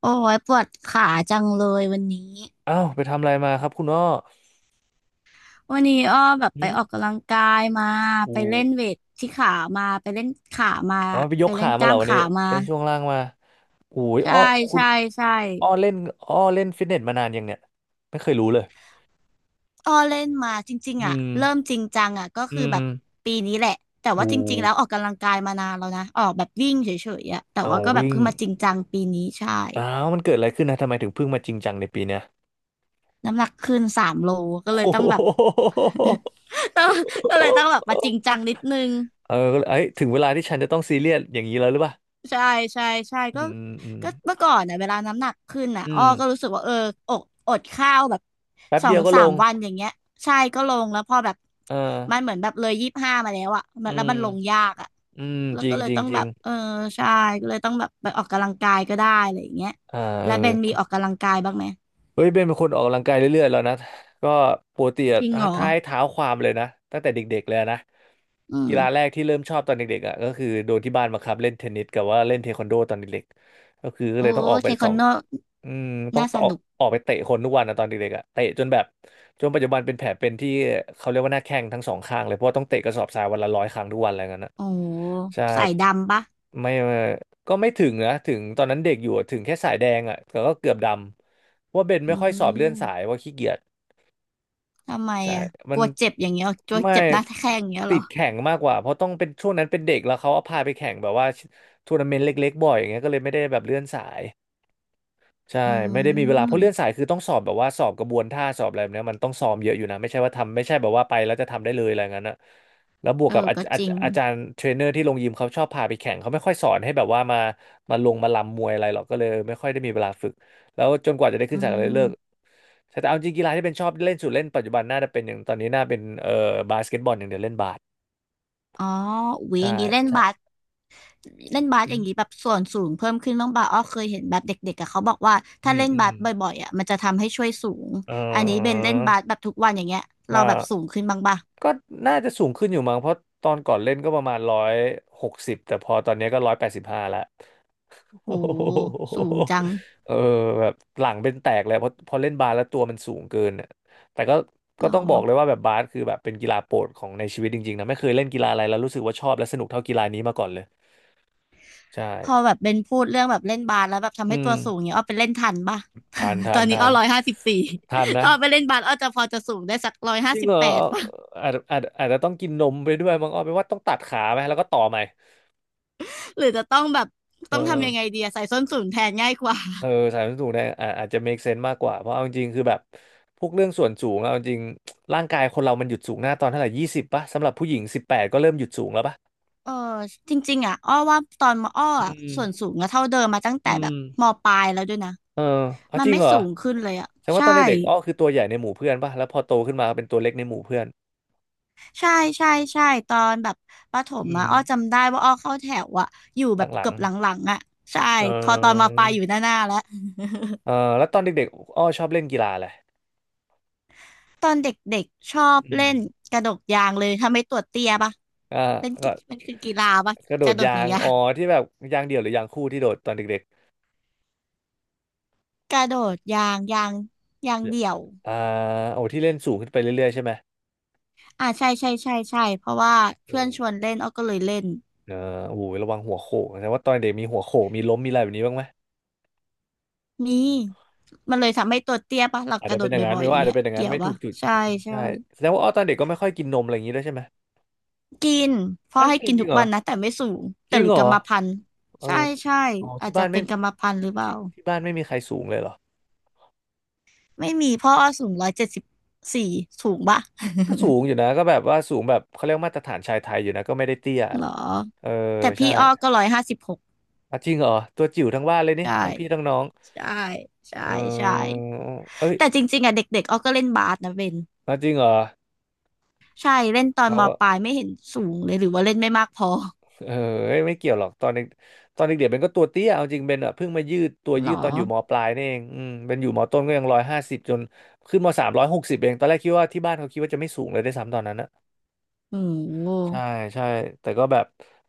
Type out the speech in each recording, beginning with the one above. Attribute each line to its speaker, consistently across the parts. Speaker 1: โอ้ยปวดขาจังเลยวันนี้
Speaker 2: อ้าวไปทำอะไรมาครับคุณอ้อ
Speaker 1: วันนี้อ้อแบบ
Speaker 2: หื
Speaker 1: ไป
Speaker 2: ม
Speaker 1: ออกกำลังกายมา
Speaker 2: อู
Speaker 1: ไปเล่นเวทที่ขามาไปเล่นขามา
Speaker 2: อ๋อไปย
Speaker 1: ไป
Speaker 2: ก
Speaker 1: เล่น
Speaker 2: ขา
Speaker 1: ก
Speaker 2: มาเห
Speaker 1: ล้า
Speaker 2: รอ
Speaker 1: ม
Speaker 2: วันนี้
Speaker 1: ขามา
Speaker 2: เล่นช่วงล่างมาอุ้ย
Speaker 1: ใช่
Speaker 2: อ้อคุณ
Speaker 1: ใช่ใช่
Speaker 2: อ้อเล่นอ้อเล่นฟิตเนสมานานยังเนี่ยไม่เคยรู้เลย
Speaker 1: อ้อเล่นมาจริง
Speaker 2: อื
Speaker 1: ๆอ่ะ
Speaker 2: ม
Speaker 1: เริ่มจริงจังอ่ะก็
Speaker 2: อื
Speaker 1: คือแบบ
Speaker 2: ม
Speaker 1: ปีนี้แหละแต่
Speaker 2: อู
Speaker 1: ว่าจริงๆแล้วออกกำลังกายมานานแล้วนะออกแบบวิ่งเฉยๆอ่ะแต่
Speaker 2: เอา
Speaker 1: ว่าก็แบบ
Speaker 2: วิ่ง
Speaker 1: เพิ่งมาจริงจังปีนี้ใช่
Speaker 2: อ้าวมันเกิดอะไรขึ้นนะทำไมถึงเพิ่งมาจริงจังในปีเนี้ย
Speaker 1: น้ำหนักขึ้น3 โลก็เลย
Speaker 2: โอ้
Speaker 1: ต้อ
Speaker 2: โห
Speaker 1: งแบบ ก็เลยต้องแบบมาจริงจังนิดนึง
Speaker 2: เออก็เลยเอ้ยถึงเวลาที่ฉันจะต้องซีเรียสอย่างนี้แล้วหรือเปล่า
Speaker 1: ใช่ใช่ใช่
Speaker 2: อื
Speaker 1: ก็
Speaker 2: มอืม
Speaker 1: ก็เมื่อก่อนน่ะเวลาน้ำหนักขึ้นน่ะ
Speaker 2: อื
Speaker 1: อ้อ
Speaker 2: ม
Speaker 1: ก็รู้สึกว่าเอออกอดข้าวแบบ
Speaker 2: แป๊บ
Speaker 1: สอ
Speaker 2: เดีย
Speaker 1: ง
Speaker 2: วก็
Speaker 1: สา
Speaker 2: ล
Speaker 1: ม
Speaker 2: ง
Speaker 1: วันอย่างเงี้ยใช่ก็ลงแล้วพอแบบ
Speaker 2: เอา
Speaker 1: มันเหมือนแบบเลย25มาแล้วอะ
Speaker 2: อ
Speaker 1: มั
Speaker 2: อื
Speaker 1: นแล้วมั
Speaker 2: ม
Speaker 1: นลงยากอะ
Speaker 2: อืม
Speaker 1: แล้
Speaker 2: จ
Speaker 1: ว
Speaker 2: ริ
Speaker 1: ก็
Speaker 2: ง
Speaker 1: เลย
Speaker 2: จริง
Speaker 1: ต้อง
Speaker 2: จริ
Speaker 1: แบ
Speaker 2: ง
Speaker 1: บเออใช่ก็เลยต้องแบบไปออกกำลังกายก็ได้อะไรอย่างเงี้ย
Speaker 2: อ่าเอ
Speaker 1: แล้
Speaker 2: อ
Speaker 1: วเบนมีออกกำลังกายบ้างไหม
Speaker 2: เฮ้ยเบนเป็นคนออกกำลังกายเรื่อยๆแล้วนะก็ปกติอะ
Speaker 1: จริงเหรอ
Speaker 2: ท้ายเท้าความเลยนะตั้งแต่เด็กๆเลยนะ
Speaker 1: อืม
Speaker 2: กีฬาแรกที่เริ่มชอบตอนเด็กๆอ่ะก็คือโดนที่บ้านบังคับเล่นเทนนิสกับว่าเล่นเทควันโดตอนเด็กๆก็คือก็
Speaker 1: โอ้
Speaker 2: เลยต้องออกไป
Speaker 1: เทค
Speaker 2: ส
Speaker 1: วั
Speaker 2: อ
Speaker 1: น
Speaker 2: ง
Speaker 1: โด
Speaker 2: อืมต้อง
Speaker 1: น่าส
Speaker 2: ต่อ
Speaker 1: นุก
Speaker 2: ออกไปเตะคนทุกวันนะตอนเด็กๆอ่ะเตะจนแบบจนปัจจุบันเป็นแผลเป็นที่เขาเรียกว่าหน้าแข้งทั้งสองข้างเลยเพราะว่าต้องเตะกระสอบทรายวันละ100 ครั้งทุกวันอะไรเงี้ยนนะ
Speaker 1: โอ้
Speaker 2: ใช่
Speaker 1: ใส่ดำปะ
Speaker 2: ไม่ ก็ไม่ถึงนะถึงตอนนั้นเด็กอยู่อะถึงแค่สายแดงอ่ะแต่ก็เกือบดำเพราะว่าเบน
Speaker 1: อื
Speaker 2: ไม่ค่อยสอบเลื่อนสาย
Speaker 1: ม
Speaker 2: ว่าขี้เกียจ
Speaker 1: ทำไม
Speaker 2: ใช่
Speaker 1: อะ
Speaker 2: มั
Speaker 1: ก
Speaker 2: น
Speaker 1: ลัวเจ็บอย่างเงี้ยเหรอกลัว
Speaker 2: ไม่
Speaker 1: เจ็บหน้าแข้งอย่างเงี้ย
Speaker 2: ติ
Speaker 1: เหร
Speaker 2: ด
Speaker 1: อ
Speaker 2: แข่งมากกว่าเพราะต้องเป็นช่วงนั้นเป็นเด็กแล้วเขาเอาพาไปแข่งแบบว่าทัวร์นาเมนต์เล็กๆบ่อยอย่างเงี้ยก็เลยไม่ได้แบบเลื่อนสาย ใช่
Speaker 1: อื
Speaker 2: ไม่ได้มีเวลาเพราะเลื่อน
Speaker 1: ม
Speaker 2: สายคือต้องสอบแบบว่าสอบกระบวนท่าสอบอะไรแบบเนี้ยมันต้องซ้อมเยอะอยู่นะไม่ใช่ว่าทำไม่ใช่แบบว่าไปแล้วจะทำได้เลยอะไรงั้นนะแล้วบวก
Speaker 1: เอ
Speaker 2: กับ
Speaker 1: อ
Speaker 2: อาจ
Speaker 1: ก็
Speaker 2: อา
Speaker 1: จ
Speaker 2: จ
Speaker 1: ริง
Speaker 2: อาจารย์เทรนเนอร์ที่ลงยิมเขาชอบพาไปแข่งเขาไม่ค่อยสอนให้แบบว่ามามาลงมาลำมวยอะไรหรอกก็เลยไม่ค่อยได้มีเวลาฝึกแล้วจนกว่าจะได้ขึ้น
Speaker 1: อื
Speaker 2: สายก็เลย
Speaker 1: ม
Speaker 2: เลิกใช่แต่เอาจริงกีฬาที่เป็นชอบเล่นสุดเล่นปัจจุบันน่าจะเป็นอย่างตอนนี้น่าเป็นบาสเกตบอลอย่างเดียวเล่นบาส
Speaker 1: อ๋ออุ๊ยอ
Speaker 2: ใช่
Speaker 1: ย่างนี้เล่น
Speaker 2: ใช่
Speaker 1: บาสเล่นบาส
Speaker 2: อื
Speaker 1: อย่า
Speaker 2: ม
Speaker 1: งนี้แบบส่วนสูงเพิ่มขึ้นบ้างป่ะอ้อเคยเห็นแบบเด็กๆอะเขาบอกว่า
Speaker 2: อื
Speaker 1: ถ้า
Speaker 2: ม
Speaker 1: เล่น
Speaker 2: อื
Speaker 1: บา
Speaker 2: ม
Speaker 1: สบ่อยๆอะมันจะทำให้ช่วยสูง
Speaker 2: เอ
Speaker 1: อันนี้เบน
Speaker 2: อ
Speaker 1: เล่นบาสแบบทุกวันอย่างเงี้ยเรา
Speaker 2: ใช่
Speaker 1: แบบสูงขึ้นบ้างป่ะ
Speaker 2: ก็น่าจะสูงขึ้นอยู่มั้งเพราะตอนก่อนเล่นก็ประมาณ160แต่พอตอนนี้ก็185ละ
Speaker 1: โอ้
Speaker 2: โอ้โห
Speaker 1: สูงจัง
Speaker 2: เออแบบหลังเป็นแตกเลยเพราะพอเล่นบาสแล้วตัวมันสูงเกินน่ะแต่ก็
Speaker 1: ห
Speaker 2: ก็
Speaker 1: รอ
Speaker 2: ต้องบอกเลยว่าแบบบาสคือแบบเป็นกีฬาโปรดของในชีวิตจริงๆนะไม่เคยเล่นกีฬาอะไรแล้วรู้สึกว่าชอบและสนุกเท่ากีฬานี้มาก่อนเลยใช่
Speaker 1: พอแบบเบนพูดเรื่องแบบเล่นบาสแล้วแบบทำ
Speaker 2: อื
Speaker 1: ให้
Speaker 2: ม
Speaker 1: ตัวสูงเนี้ยอ้อไปเล่นทันป่ะ
Speaker 2: ทาน
Speaker 1: ต
Speaker 2: ทา
Speaker 1: อ
Speaker 2: น
Speaker 1: นนี้
Speaker 2: ทา
Speaker 1: อ้อ
Speaker 2: น
Speaker 1: 154
Speaker 2: ทาน นะ
Speaker 1: ถ้าอ้อไปเล่นบาสอ้อจะพอจะสูงได้สักร้อยห้า
Speaker 2: จริง
Speaker 1: สิบ
Speaker 2: เหรอ
Speaker 1: แปดป่ะ
Speaker 2: อาจจะต้องกินนมไปด้วยมั้งอ้อแปลว่าต้องตัดขาไหมแล้วก็ต่อใหม่
Speaker 1: หรือจะต้องแบบ
Speaker 2: เออ
Speaker 1: ต้องทำยังไงดีอะใส่ส้นสูงแทนง่ายกว่า
Speaker 2: เออสายมันสูงเนี่ยอ่าอาจจะ make sense มากกว่าเพราะเอาจริงๆคือแบบพวกเรื่องส่วนสูงเอาจริงๆร่างกายคนเรามันหยุดสูงหน้าตอนเท่าไหร่20ป่ะสำหรับผู้หญิง18ก็เริ่มหยุดสูงแล้วป่ะ
Speaker 1: เออจริงๆอ่ะอ้อว่าตอนมอ้อ
Speaker 2: อื
Speaker 1: อะ
Speaker 2: ม
Speaker 1: ส่วนสูงก็เท่าเดิมมาตั้ง
Speaker 2: อื
Speaker 1: แต่แบ
Speaker 2: ม
Speaker 1: บมปลายแล้วด้วยนะ
Speaker 2: เออเอา
Speaker 1: มัน
Speaker 2: จริง
Speaker 1: ไม่
Speaker 2: เหรอ
Speaker 1: สูงขึ้นเลยอ่ะ
Speaker 2: แสดงว่า
Speaker 1: ใช่
Speaker 2: ตอนเด็กๆอ้อคือตัวใหญ่ในหมู่เพื่อนป่ะแล้วพอโตขึ้นมาเป็นตัวเล็กในหมู่เพื่อน
Speaker 1: ใช่ใช่ใช่ตอนแบบประถม
Speaker 2: อื
Speaker 1: อ่ะ
Speaker 2: ม
Speaker 1: อ้อจำได้ว่าอ้อเข้าแถวอ่ะอยู่แบบ
Speaker 2: หลั
Speaker 1: เกื
Speaker 2: ง
Speaker 1: อบหลังๆอ่ะใช่
Speaker 2: ๆเอ
Speaker 1: พอตอนม
Speaker 2: อ
Speaker 1: ปลายอยู่หน้าๆแล้ว
Speaker 2: เออแล้วตอนเด็กๆอ้อชอบเล่นกีฬาอะไร
Speaker 1: ตอนเด็กๆชอบ
Speaker 2: อื
Speaker 1: เล่
Speaker 2: ม
Speaker 1: นกระโดดยางเลยถ้าไม่ตัวเตี้ยปะ
Speaker 2: อ่า
Speaker 1: เป็นกิ
Speaker 2: ก็
Speaker 1: มันคือกีฬาปะ
Speaker 2: กระโด
Speaker 1: ก
Speaker 2: ด
Speaker 1: ระโดดห
Speaker 2: ยา
Speaker 1: นัง
Speaker 2: ง
Speaker 1: ยา
Speaker 2: อ๋
Speaker 1: ง
Speaker 2: อที่แบบยางเดี่ยวหรือยางคู่ที่โดดตอนเด็ก
Speaker 1: กระโดดยางยางเดี่ยว
Speaker 2: ๆอ่าโอ้ที่เล่นสูงขึ้นไปเรื่อยๆใช่ไหม
Speaker 1: อ่าใช่ใช่ใช่ใช่เพราะว่า
Speaker 2: โอ
Speaker 1: เพื่อนชว
Speaker 2: ้
Speaker 1: นเล่นอ้อก็เลยเล่น
Speaker 2: เออโอ้โหระวังหัวโขกแสดงว่าตอนเด็กมีหัวโขกมีล้มมีอะไรแบบนี้บ้างไหม
Speaker 1: มีมันเลยทำให้ตัวเตี้ยปะหลัก
Speaker 2: อาจ
Speaker 1: กระ
Speaker 2: จะ
Speaker 1: โด
Speaker 2: เป็น
Speaker 1: ด
Speaker 2: อย่างนั้น
Speaker 1: บ่อย
Speaker 2: ไม่
Speaker 1: ๆอ
Speaker 2: ว่า
Speaker 1: ย่าง
Speaker 2: อาจ
Speaker 1: เงี้
Speaker 2: จะ
Speaker 1: ย
Speaker 2: เป็นอย่างนั้
Speaker 1: เกี่
Speaker 2: น
Speaker 1: ยว
Speaker 2: ไม่ถู
Speaker 1: ปะ
Speaker 2: กจุด
Speaker 1: ใช่
Speaker 2: อืม
Speaker 1: ใช่
Speaker 2: ใช่แสดงว่าอ้อตอนเด็กก็ไม่ค่อยกินนมอะไรอย่างนี้ด้วยใช่ไหม
Speaker 1: กินพ่อ
Speaker 2: อ้าว
Speaker 1: ให้
Speaker 2: กิน
Speaker 1: กิน
Speaker 2: จริ
Speaker 1: ทุ
Speaker 2: ง
Speaker 1: ก
Speaker 2: เหรอ
Speaker 1: วันนะแต่ไม่สูง
Speaker 2: จ
Speaker 1: แต่
Speaker 2: ริ
Speaker 1: ห
Speaker 2: ง
Speaker 1: รื
Speaker 2: เห
Speaker 1: อ
Speaker 2: ร
Speaker 1: กร
Speaker 2: อ
Speaker 1: รมพันธุ์
Speaker 2: เอ
Speaker 1: ใช่
Speaker 2: อ
Speaker 1: ใช่
Speaker 2: อ๋อ
Speaker 1: อาจ
Speaker 2: ที่
Speaker 1: จะ
Speaker 2: บ้าน
Speaker 1: เป็
Speaker 2: ไม่
Speaker 1: นกรรมพันธุ์หรือเปล่า
Speaker 2: ที่บ้านไม่มีใครสูงเลยเหรอ
Speaker 1: ไม่มีพ่ออ้อสูง174สูงปะ
Speaker 2: ก็สูงอยู่นะก็แบบว่าสูงแบบเขาเรียกมาตรฐานชายไทยอยู่นะก็ไม่ได้เตี้ย
Speaker 1: หรอ
Speaker 2: เออ
Speaker 1: แต่
Speaker 2: ใช่
Speaker 1: พี่อ้อก็156
Speaker 2: อ่ะจริงเหรอตัวจิ๋วทั้งบ้านเลยนี่
Speaker 1: ใช่
Speaker 2: ทั้งพี่ทั้งน้อง
Speaker 1: ใช่ใช่
Speaker 2: เอ
Speaker 1: ใช่
Speaker 2: อเอ้ย
Speaker 1: แต่จริงๆอ่ะเด็กๆอ้อก็เล่นบาสนะเบน
Speaker 2: อ่ะจริงเหรอ
Speaker 1: ใช่เล่นตอน
Speaker 2: เขา
Speaker 1: ม
Speaker 2: ก็
Speaker 1: ปลายไม่เห็นสูงเลยหรือว่าเล่นไม่มากพอ
Speaker 2: เออเอ้ยไม่เกี่ยวหรอกตอนเด็กตอนเด็กเด็กเป็นก็ตัวเตี้ยเอาจริงเป็นอ่ะเพิ่งมายืดตัว
Speaker 1: หร
Speaker 2: ยื
Speaker 1: อ
Speaker 2: ดตอนอยู่มปลายนี่เองเป็นอยู่มต้นก็ยัง150จนขึ้นม360เองตอนแรกคิดว่าที่บ้านเขาคิดว่าจะไม่สูงเลยได้วยซ้ำตอนนั้นนะ
Speaker 1: โอ้โห
Speaker 2: ใช่ใช่แต่ก็แบบ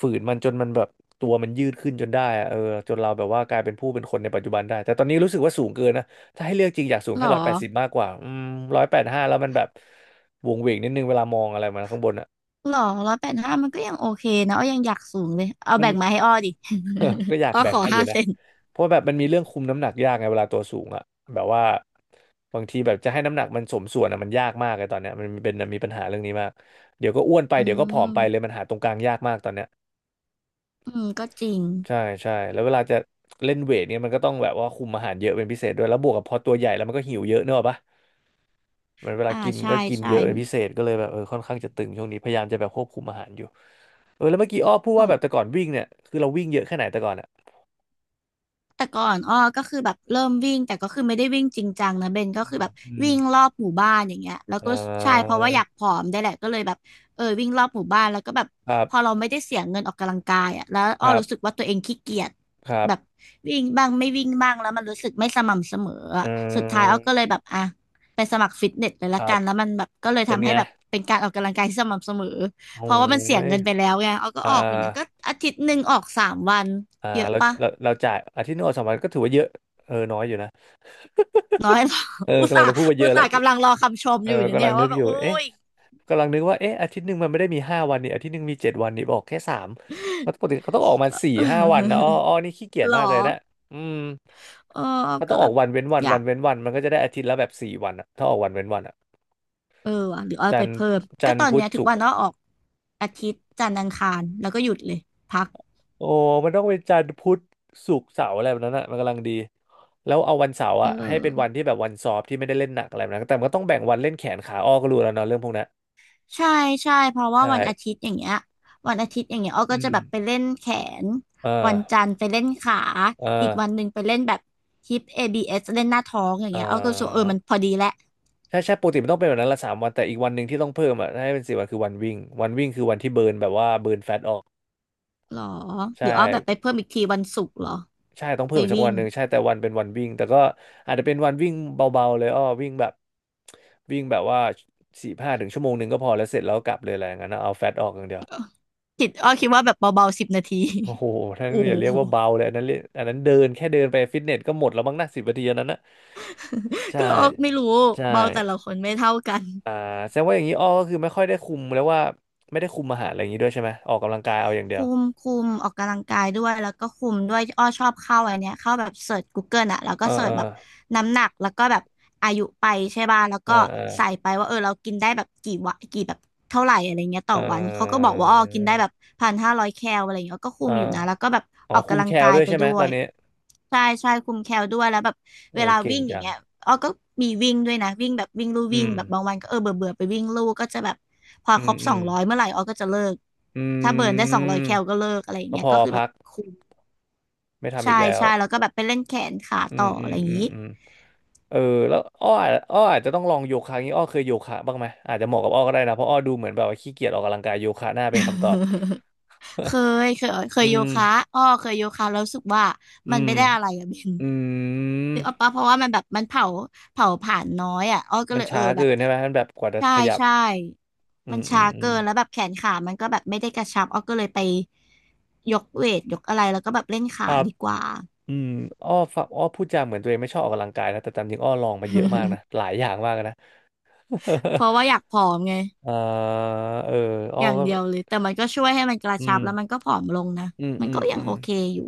Speaker 2: ฝืนมันจนมันแบบตัวมันยืดขึ้นจนได้อะจนเราแบบว่ากลายเป็นผู้เป็นคนในปัจจุบันได้แต่ตอนนี้รู้สึกว่าสูงเกินนะถ้าให้เลือกจริงอยากสูง
Speaker 1: หร
Speaker 2: แค่
Speaker 1: อ
Speaker 2: 180มากกว่า185แล้วมันแบบวงเวงนิดนึงเวลามองอะไรมาข้างบนอ่ะ
Speaker 1: หรอ185มันก็ยังโอเคนะอ้อยังอยากสูงเลยเอาแบ่งมาให้อ้อดิ
Speaker 2: ก็อยา ก
Speaker 1: อ้อ
Speaker 2: แบ่
Speaker 1: ข
Speaker 2: ง
Speaker 1: อ
Speaker 2: ให้อ
Speaker 1: ห้า
Speaker 2: ยู่
Speaker 1: เซ
Speaker 2: นะ
Speaker 1: น
Speaker 2: เพราะแบบมันมีเรื่องคุมน้ำหนักยากไงเวลาตัวสูงอะแบบว่าบางทีแบบจะให้น้ำหนักมันสมส่วนอะมันยากมากเลยตอนเนี้ยมันเป็นมีปัญหาเรื่องนี้มากเดี๋ยวก็อ้วนไป
Speaker 1: อื
Speaker 2: เดี๋ยวก็ผอมไปเลย
Speaker 1: ม
Speaker 2: มันหาตรงกลางยากมากตอนเนี้ย
Speaker 1: อืมก็จริง
Speaker 2: ใช่ใช่แล้วเวลาจะเล่นเวทเนี่ยมันก็ต้องแบบว่าคุมอาหารเยอะเป็นพิเศษด้วยแล้วบวกกับพอตัวใหญ่แล้วมันก็หิวเยอะเนอะปะมันเวลา
Speaker 1: อ่า
Speaker 2: กิน
Speaker 1: ใช่
Speaker 2: ก็กิน
Speaker 1: ใช่
Speaker 2: เยอะเป็นพิเศษก็เลยแบบค่อนข้างจะตึงช่วงนี้พยายามจะแบบควบคุมอาหารอยู่แล้วเมื่อกี้อ้อพูด
Speaker 1: ข
Speaker 2: ว่า
Speaker 1: อง
Speaker 2: แบบแต่ก่อนวิ่งเนี่ยคือเราวิ่งเยอะแค่ไหนแต่ก่อนอะ
Speaker 1: แต่ก่อนอ้อก็คือแบบเริ่มวิ่งแต่ก็คือไม่ได้วิ่งจริงจังนะเบนก็คือแบบ
Speaker 2: อืม
Speaker 1: วิ่งรอบหมู่บ้านอย่างเงี้ยแล้ว
Speaker 2: อ่
Speaker 1: ก็ใช่เพ
Speaker 2: า
Speaker 1: ราะว่าอยากผอมได้แหละก็เลยแบบเออวิ่งรอบหมู่บ้านแล้วก็แบบ
Speaker 2: ครั
Speaker 1: พอ
Speaker 2: บ
Speaker 1: เราไม่ได้เสียเงินออกกำลังกายอ่ะแล้วอ้
Speaker 2: ค
Speaker 1: อ
Speaker 2: รั
Speaker 1: รู้สึก
Speaker 2: บ
Speaker 1: ว่าตัวเองขี้เกียจ
Speaker 2: ครั
Speaker 1: แบบ
Speaker 2: บ
Speaker 1: วิ่งบ้างไม่วิ่งบ้างแล้วมันรู้สึกไม่สม่ำเสมอ
Speaker 2: เื
Speaker 1: อะสุดท้ายอ้อก็
Speaker 2: ม
Speaker 1: เลยแบบอ่ะไปสมัครฟิตเนสเลย
Speaker 2: ค
Speaker 1: ละ
Speaker 2: รั
Speaker 1: กั
Speaker 2: บ
Speaker 1: นแล้วมันแบบก็เลย
Speaker 2: เป็น
Speaker 1: ทำให้
Speaker 2: ไง
Speaker 1: แบบเป็นการออกกำลังกายที่สม่ำเสมอ
Speaker 2: โอ้
Speaker 1: เพราะว่ามันเสีย
Speaker 2: ย
Speaker 1: เงินไปแล้วไงอ้อก็
Speaker 2: อ่า
Speaker 1: ออกอยู่นะก็อาทิตย์หนึ่งออก 3 วัน
Speaker 2: อ่า
Speaker 1: เยอะ
Speaker 2: เรา
Speaker 1: ปะ
Speaker 2: เราเราจ่ายอาทิตย์หนึงออก2 วันก็ถือว่าเยอะน้อยอยู่นะ
Speaker 1: น้อย เหรอ อุต
Speaker 2: กำลั
Speaker 1: ส่า
Speaker 2: ง
Speaker 1: ห์
Speaker 2: จะพูดว่าเย
Speaker 1: อุต
Speaker 2: อะแล้
Speaker 1: ส่า
Speaker 2: ว
Speaker 1: ห์กำลังรอคำชมอยู่เนี่ย
Speaker 2: กำ
Speaker 1: เนี่
Speaker 2: ลัง
Speaker 1: ย
Speaker 2: นึ
Speaker 1: ว่า
Speaker 2: ก
Speaker 1: แบ
Speaker 2: อ
Speaker 1: บ
Speaker 2: ยู่
Speaker 1: อุ้
Speaker 2: เอ๊ะ
Speaker 1: ย
Speaker 2: กำลังนึกว่าเอ๊ะอาทิตย์หนึ่งมันไม่ได้มีห้าวันนี่อาทิตย์หนึ่งมี7 วันนี่บอกแค่สามเพราะปกติเขาต้องออกมา
Speaker 1: ก็
Speaker 2: 4-5 วันนะอ้อนี่ขี้เกี ยจ
Speaker 1: หรอ
Speaker 2: มากเลยนะอืม
Speaker 1: เออ
Speaker 2: เขาต้
Speaker 1: ก็
Speaker 2: องอ
Speaker 1: แบ
Speaker 2: อก
Speaker 1: บ
Speaker 2: วันเว้นวัน
Speaker 1: อยา
Speaker 2: วั
Speaker 1: ก
Speaker 2: นเว้นวันมันก็จะได้อาทิตย์ละแบบสี่วันอะถ้าออกวันเว้นวันอะ
Speaker 1: เออว่ะหรือเอา
Speaker 2: จั
Speaker 1: ไป
Speaker 2: นทร์
Speaker 1: เพิ่มก็
Speaker 2: จันท
Speaker 1: ตอ
Speaker 2: ร์
Speaker 1: น
Speaker 2: พุ
Speaker 1: เนี้
Speaker 2: ธ
Speaker 1: ยทุก
Speaker 2: ศุก
Speaker 1: วั
Speaker 2: ร์
Speaker 1: นเนาะออกอาทิตย์จันทร์อังคารแล้วก็หยุดเลยพัก
Speaker 2: โอ้มันต้องเป็นจันทร์พุธศุกร์เสาร์อะไรแบบนั้นอ่ะมันกำลังดีแล้วเอาวันเสาร์
Speaker 1: เอ
Speaker 2: อ่ะให้เป็นวั
Speaker 1: อ
Speaker 2: นที่แบบวันสอบที่ไม่ได้เล่นหนักอะไรแบบนั้นแต่มันก็ต้องแบ่งวันเล่นแขนขาอ้อก็รู้แล้วเนาะเรื่องพวกนั้น
Speaker 1: ใช่ใช่เพราะว่า
Speaker 2: ใช่
Speaker 1: วันอาทิตย์อย่างเงี้ยวันอาทิตย์อย่างเงี้ยอ้อ
Speaker 2: อื
Speaker 1: ก็จะแบบไป
Speaker 2: ม
Speaker 1: เล่นแขนวัน
Speaker 2: เออ
Speaker 1: จันทร์ไปเล่นขา
Speaker 2: เออ
Speaker 1: อีกวันหนึ่งไปเล่นแบบฮิป ABS เอสเล่นหน้าท้องอย่าง
Speaker 2: เอ
Speaker 1: เงี้ยอ้อก็รู้สึกว่าเออ
Speaker 2: อ
Speaker 1: มันพอดีแหละ
Speaker 2: ใช่ใช่ปกติมันต้องเป็นแบบนั้นละ3 วันแต่อีกวันหนึ่งที่ต้องเพิ่มอ่ะให้เป็นสี่วันคือวันวิ่งวันวิ่งคือวันที่เบิร์นแบบว่าเบิร์นแฟตออก
Speaker 1: หรอห
Speaker 2: ใช่
Speaker 1: รืออ้อแบบไปเพิ่มอีกทีวันศุกร์เหรอ
Speaker 2: ใช่ต้องเพิ่
Speaker 1: ไป
Speaker 2: มอีกสัก
Speaker 1: วิ่
Speaker 2: วั
Speaker 1: ง
Speaker 2: นหนึ่งใช่แต่วันเป็นวันวิ่งแต่ก็อาจจะเป็นวันวิ่งเบาๆเลยอ้อวิ่งแบบวิ่งแบบว่าสี่ห้าถึงชั่วโมงหนึ่งก็พอแล้วเสร็จแล้วกลับเลยอะไรอย่างนั้นนะเอาแฟตออกอย่างเดียว
Speaker 1: คิดอ้อคิดว่าแบบเบาๆ10 นาที
Speaker 2: โอ้โหท่า น
Speaker 1: โอ้
Speaker 2: อ
Speaker 1: โ
Speaker 2: ย่าเรีย
Speaker 1: ห
Speaker 2: กว่าเบาเลยอันนั้นเรียกอันนั้นเดินแค่เดินไปฟิตเนสก็หมดแล้วมั้งนะ10 นาทีอันนั้นนะ ใช่
Speaker 1: ก็อ้อไม่รู้
Speaker 2: ใช่
Speaker 1: เบาแต่ละคนไม่เท่ากัน
Speaker 2: อ่าแสดงว่าอย่างนี้อ้อก็คือไม่ค่อยได้คุมแล้วว่าไม่ได้คุมอาหารอะไรอย่างนี้ด้วยใช่ไหมออกกำลังกายเอาอย่างเดียว
Speaker 1: คุมคุมออกกำลังกายด้วยแล้วก็คุมด้วยอ้อชอบเข้าอันเนี้ยเข้าแบบเสิร์ช g o เกิ e อะแล้ว
Speaker 2: เอ
Speaker 1: ก็
Speaker 2: อ
Speaker 1: เสิ
Speaker 2: เอ
Speaker 1: ร์ช
Speaker 2: อ
Speaker 1: แบบน้ำหนักแล้วก็แบบอายุไปใช่ป่ะแล้ว
Speaker 2: เออ
Speaker 1: ก็
Speaker 2: เออ
Speaker 1: ใส่ไปว่าเออเรากินได้แบบกี่วะกี่แบบเท่าไหร่อะไรเงี้ยต่
Speaker 2: เอ
Speaker 1: อวันเขาก็บ
Speaker 2: อ
Speaker 1: อกว่าอ้อกินได้แบบ1,500 แคลอะไรเงี้ยก็คุ
Speaker 2: เออ
Speaker 1: มอยู่นะแล้วก็แบบ
Speaker 2: อ๋อ
Speaker 1: ออก
Speaker 2: คุม
Speaker 1: กำลั
Speaker 2: แค
Speaker 1: ง
Speaker 2: ล
Speaker 1: กาย
Speaker 2: ด้วย
Speaker 1: ไป
Speaker 2: ใช่ไหม
Speaker 1: ด้ว
Speaker 2: ตอ
Speaker 1: ย
Speaker 2: นนี้
Speaker 1: ใช่ใช่คุมแคลด้วยแล้วแบบ
Speaker 2: เอ
Speaker 1: เว
Speaker 2: อ
Speaker 1: ลา
Speaker 2: เก่ง
Speaker 1: วิ่งอย่าง
Speaker 2: จัง
Speaker 1: เงี้ยอ้อก็มีวิ่งด้วยนะวิ่งแบบวิ่งลู่
Speaker 2: อื
Speaker 1: วิ่ง
Speaker 2: ม
Speaker 1: แบบบางวันก็เออเบื่อเบื่อไปวิ่งลู่ก็จะแบบพอ
Speaker 2: อื
Speaker 1: คร
Speaker 2: ม
Speaker 1: บ
Speaker 2: อื
Speaker 1: สอง
Speaker 2: ม
Speaker 1: ร้อยเมื่อไหร่อ้อก็จะเลิก
Speaker 2: อ
Speaker 1: ถ้าเบิ
Speaker 2: ื
Speaker 1: ร์นได้สองร้อย
Speaker 2: ม
Speaker 1: แคลก็เลิกอะไรอย่าง
Speaker 2: ก็
Speaker 1: เงี้ย
Speaker 2: พอ
Speaker 1: ก็คือแบ
Speaker 2: พั
Speaker 1: บ
Speaker 2: ก
Speaker 1: คุม
Speaker 2: ไม่ทำ
Speaker 1: ใช่
Speaker 2: อีกแล้ว
Speaker 1: ใช่แล้วก็แบบไปเล่นแขนขา
Speaker 2: อื
Speaker 1: ต่
Speaker 2: ม
Speaker 1: อ
Speaker 2: อื
Speaker 1: อะ
Speaker 2: ม
Speaker 1: ไรอย่าง
Speaker 2: อืม
Speaker 1: งี้
Speaker 2: อืมเออแล้วอ้ออาจจะต้องลองโยคะงี้อ้อเคยโยคะบ้างไหมอาจจะเหมาะกับอ้อก็ได้นะเพราะอ้อดูเหมือนแบบว่าขี้เกียจออกกำลังกายโยคะน่าเป็นคำตอบ
Speaker 1: เคยเคยเค
Speaker 2: อื
Speaker 1: ยโย
Speaker 2: ม
Speaker 1: คะอ้อเคยโยคะแล้วรู้สึกว่า
Speaker 2: อื
Speaker 1: มัน
Speaker 2: ม
Speaker 1: ไม่ได้อะไรอะ เบน
Speaker 2: อื
Speaker 1: นึก
Speaker 2: ม
Speaker 1: ออกปะเพราะว่ามันแบบมันเผาเผาผ่านน้อยอ่ะอ้อก็
Speaker 2: มัน
Speaker 1: เลยเออ
Speaker 2: ช้า
Speaker 1: แบ
Speaker 2: เกิ
Speaker 1: บ
Speaker 2: นใช่ไหมมันแบบกว่าจะ
Speaker 1: ใช่
Speaker 2: ขยับ
Speaker 1: ใช่
Speaker 2: อื
Speaker 1: มัน
Speaker 2: มอื
Speaker 1: ช้า
Speaker 2: มอืม
Speaker 1: เกินแล้วแบบแขนขามันก็แบบไม่ได้กระชับอ้อก็เลยไปยกเวทยกอะไรแล้วก็แบบเล่น
Speaker 2: ค
Speaker 1: ขา
Speaker 2: รับ
Speaker 1: ดีกว่า
Speaker 2: อืมอ้อฟังอ้อพูดจาเหมือนตัวเองไม่ชอบออกกำลังกายนะแต่ตามจริงอ้อลองมาเยอะมากนะ หลายอย่างมากนะ
Speaker 1: เพ ราะว่าอยากผอมไง
Speaker 2: อ่าเอออ้อ
Speaker 1: อย่าง
Speaker 2: ก็
Speaker 1: เดียวเลยแต่มันก็ช่วยให้มันกระ
Speaker 2: อื
Speaker 1: ชับ
Speaker 2: ม
Speaker 1: แล้วมันก็ผอมลงนะ
Speaker 2: อืม
Speaker 1: มัน
Speaker 2: อื
Speaker 1: ก็
Speaker 2: ม
Speaker 1: ยั
Speaker 2: อื
Speaker 1: ง
Speaker 2: ม
Speaker 1: โอเคอยู่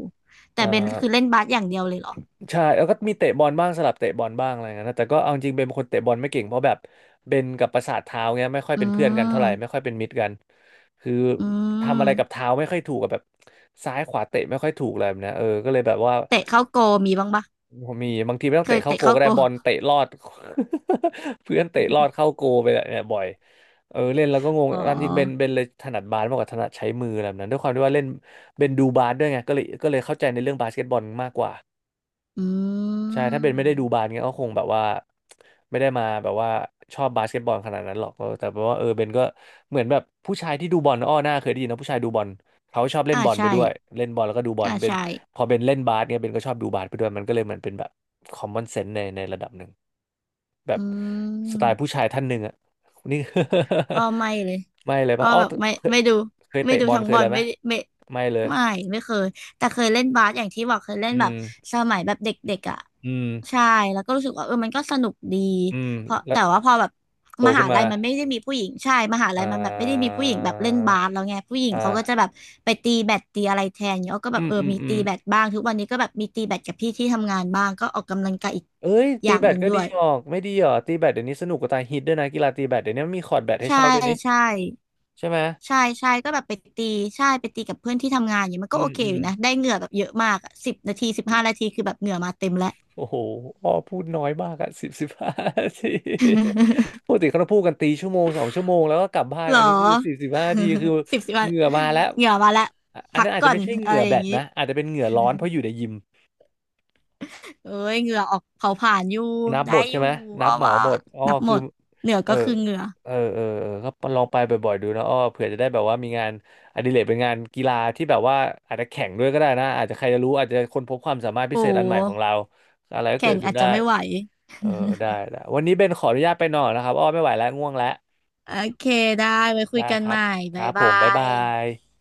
Speaker 1: แต่
Speaker 2: อ่
Speaker 1: เบนคือ
Speaker 2: า
Speaker 1: เล่นบาสอย่างเดียวเลยเหรอ
Speaker 2: ใช่แล้วก็มีเตะบอลบ้างสลับเตะบอลบ้างอะไรเงี้ยนะแต่ก็เอาจริงเป็นคนเตะบอลไม่เก่งเพราะแบบเบนกับประสาทเท้าเงี้ยไม่ค่อย
Speaker 1: อื
Speaker 2: เป็นเพื่อนกันเท่าไหร่ไม่ค่อ
Speaker 1: ม
Speaker 2: ยเป็นมิตรกันคือ
Speaker 1: อื
Speaker 2: ทำอะไรกับ
Speaker 1: ม
Speaker 2: เท้าไม่ค่อยถูกกับแบบซ้ายขวาเตะไม่ค่อยถูกอะไรแบบเนี้ยก็เลยแบบว่า
Speaker 1: เตะเข้าโกมีบ้างปะ
Speaker 2: ผมมีบางทีไม่ต้อ
Speaker 1: เค
Speaker 2: งเตะ
Speaker 1: ย
Speaker 2: เข้า
Speaker 1: เตะ
Speaker 2: โกล
Speaker 1: เข้า
Speaker 2: ก็
Speaker 1: โก
Speaker 2: ได้บอลเตะลอด เพื่อนเตะลอดเข้าโกลไปเนี่ยบ่อยเล่นแล้วก็งง
Speaker 1: อ๋
Speaker 2: ตามจริงเบนเบ
Speaker 1: อ
Speaker 2: นเลยถนัดบาสมากกว่าถนัดใช้มืออะไรแบบนั้นด้วยความที่ว่าเล่นเบนดูบาสด้วยไงก็เลยก็เลยเข้าใจในเรื่องบาสเกตบอลมากกว่า
Speaker 1: อื
Speaker 2: ใช่ถ้าเป็นไม่ได้ดูบาส
Speaker 1: ม
Speaker 2: เงี้ยก็คงแบบว่าไม่ได้มาแบบว่าชอบบาสเกตบอลขนาดนั้นหรอกแต่แปลว่าเบนก็เหมือนแบบผู้ชายที่ดูบอลอ้อหน้าเคยได้ยินนะผู้ชายดูบอลเขาชอบเล่น
Speaker 1: อ่า
Speaker 2: บอลไป
Speaker 1: ใช่
Speaker 2: ด้วยเล่นบอลแล้วก็ดูบอล
Speaker 1: อ่า
Speaker 2: เบน
Speaker 1: ใช่
Speaker 2: พอเบนเล่นบาสเนี่ยเบนก็ชอบดูบาสไปด้วยมันก็เลยเหมือนเป็นแบบคอมมอนเซนส์ในระดับหนึ่งแบ
Speaker 1: อื
Speaker 2: บสไตล์ผู้
Speaker 1: ม
Speaker 2: ชายท่านหนึ่งอ่ะนี่
Speaker 1: อ้อไม่เลย
Speaker 2: ไม่เลย
Speaker 1: อ้อ
Speaker 2: ปะอ้อ
Speaker 1: แบบไม่
Speaker 2: เคย
Speaker 1: ไม่ดู
Speaker 2: เคย
Speaker 1: ไม่
Speaker 2: เตะ
Speaker 1: ดู
Speaker 2: บอล
Speaker 1: ทั้ง
Speaker 2: เค
Speaker 1: บ
Speaker 2: ย
Speaker 1: อ
Speaker 2: อะ
Speaker 1: ล
Speaker 2: ไรไหม
Speaker 1: ไม่ไม่
Speaker 2: ไม่เลย
Speaker 1: ไม่ไม่เคยแต่เคยเล่นบาสอย่างที่บอกเคยเล่
Speaker 2: อื
Speaker 1: นแบบ
Speaker 2: ม
Speaker 1: สมัยแบบเด็กๆอ่ะ
Speaker 2: อืม
Speaker 1: ใช่แล้วก็รู้สึกว่าเออมันก็สนุกดี
Speaker 2: อืม
Speaker 1: เพราะ
Speaker 2: แล้ว
Speaker 1: แต่ว่าพอแบบ
Speaker 2: โต
Speaker 1: ม
Speaker 2: ขึ้
Speaker 1: หา
Speaker 2: นมา
Speaker 1: ลัยมันไม่ได้มีผู้หญิงใช่มหาลั
Speaker 2: อ่
Speaker 1: ยมันแบบไม่ได้มี
Speaker 2: า
Speaker 1: ผู้หญิงแบบเล่นบาสแล้วไงผู้หญิงเขาก็จะ
Speaker 2: อ่า
Speaker 1: แบบไปตีแบดตีอะไรแทนเนี้ยอ้อก็แบ
Speaker 2: อื
Speaker 1: บ
Speaker 2: ม
Speaker 1: เออ
Speaker 2: อืม
Speaker 1: มี
Speaker 2: อื
Speaker 1: ตี
Speaker 2: ม
Speaker 1: แบดบ้างทุกวันนี้ก็แบบมีตีแบดกับพี่ที่ทำงานบ้างก็ออกกำลังกายอีก
Speaker 2: เอ้ย
Speaker 1: อ
Speaker 2: ตี
Speaker 1: ย่าง
Speaker 2: แบ
Speaker 1: ห
Speaker 2: ด
Speaker 1: นึ่ง
Speaker 2: ก็
Speaker 1: ด้
Speaker 2: ดี
Speaker 1: วย
Speaker 2: ออกไม่ดีเหรอตีแบดเดี๋ยวนี้สนุกกว่าตายฮิตด้วยนะกีฬาตีแบดเดี๋ยวนี้มันมีคอร์ตแบดให้
Speaker 1: ใช่
Speaker 2: เช่าด้วยนี่
Speaker 1: ใช่
Speaker 2: ใช่ไหม
Speaker 1: ใช่ใช่ก็แบบไปตีใช่ไปตีกับเพื่อนที่ทำงานอย่างเงี้ยมัน
Speaker 2: อื
Speaker 1: ก็โอ
Speaker 2: ม
Speaker 1: เค
Speaker 2: อื
Speaker 1: อ
Speaker 2: ม
Speaker 1: ยู่นะได้เหงื่อแบบเยอะมากอะ10 นาที15 นาทีคือแบบเหงื่อมาเต็มแล้ว
Speaker 2: โอ้โหอ้อพูดน้อยมากอะสิบสิบห้านาที ปกติเขาจะพูดกันตีชั่วโมง2 ชั่วโมงแล้วก็กลับบ้าน
Speaker 1: หร
Speaker 2: อั
Speaker 1: อ
Speaker 2: นนี้คือสิบสิบ ห้านาทีคือ
Speaker 1: สิบสิบวั
Speaker 2: เห
Speaker 1: น
Speaker 2: งื่อมาแล้ว
Speaker 1: เหงื่อมาแล้ว
Speaker 2: อัน
Speaker 1: พัก
Speaker 2: นั้นอาจ
Speaker 1: ก่
Speaker 2: จะ
Speaker 1: อน
Speaker 2: ไม่ใช่เห
Speaker 1: อะ
Speaker 2: งื่
Speaker 1: ไร
Speaker 2: อ
Speaker 1: อ
Speaker 2: แบ
Speaker 1: ย่าง
Speaker 2: ด
Speaker 1: นี้
Speaker 2: นะอาจจะเป็นเหงื่อร้อนเพราะอยู่ในยิม
Speaker 1: เอ้ยเหงื่อออกเผาผ่านอยู่
Speaker 2: นับห
Speaker 1: ได้
Speaker 2: มด
Speaker 1: อ
Speaker 2: ใช่
Speaker 1: ยู่
Speaker 2: ไหมนั
Speaker 1: เอา
Speaker 2: บเหมา
Speaker 1: ว่า
Speaker 2: หมดอ้อ
Speaker 1: นับหม
Speaker 2: คือ
Speaker 1: ดเหงื่อ
Speaker 2: เอ
Speaker 1: ก็
Speaker 2: อ
Speaker 1: คือเหงื่อ
Speaker 2: เออเออก็ลองไปบ่อยๆดูนะอ้อเผื่อจะได้แบบว่ามีงานอดิเรกเป็นงานกีฬาที่แบบว่าอาจจะแข่งด้วยก็ได้นะอาจจะใครจะรู้อาจจะค้นพบความสามารถพิ
Speaker 1: โอ้
Speaker 2: เศษอันใหม่ของเราอะไรก็เกิ
Speaker 1: แข่
Speaker 2: ด
Speaker 1: ง
Speaker 2: ขึ้
Speaker 1: อา
Speaker 2: น
Speaker 1: จ
Speaker 2: ได้
Speaker 1: จะไม่ไหว
Speaker 2: เออได้ได้วันนี้เบนขออนุญาตไปนอนนะครับอ้อไม่ไหวแล้วง่วงแล้ว
Speaker 1: โอเคได้ไว้คุ
Speaker 2: ได้
Speaker 1: ยกั
Speaker 2: ค
Speaker 1: น
Speaker 2: รั
Speaker 1: ให
Speaker 2: บ
Speaker 1: ม่
Speaker 2: ค
Speaker 1: บ๊า
Speaker 2: รั
Speaker 1: ย
Speaker 2: บผ
Speaker 1: บา
Speaker 2: มบ๊ายบา
Speaker 1: ย
Speaker 2: ย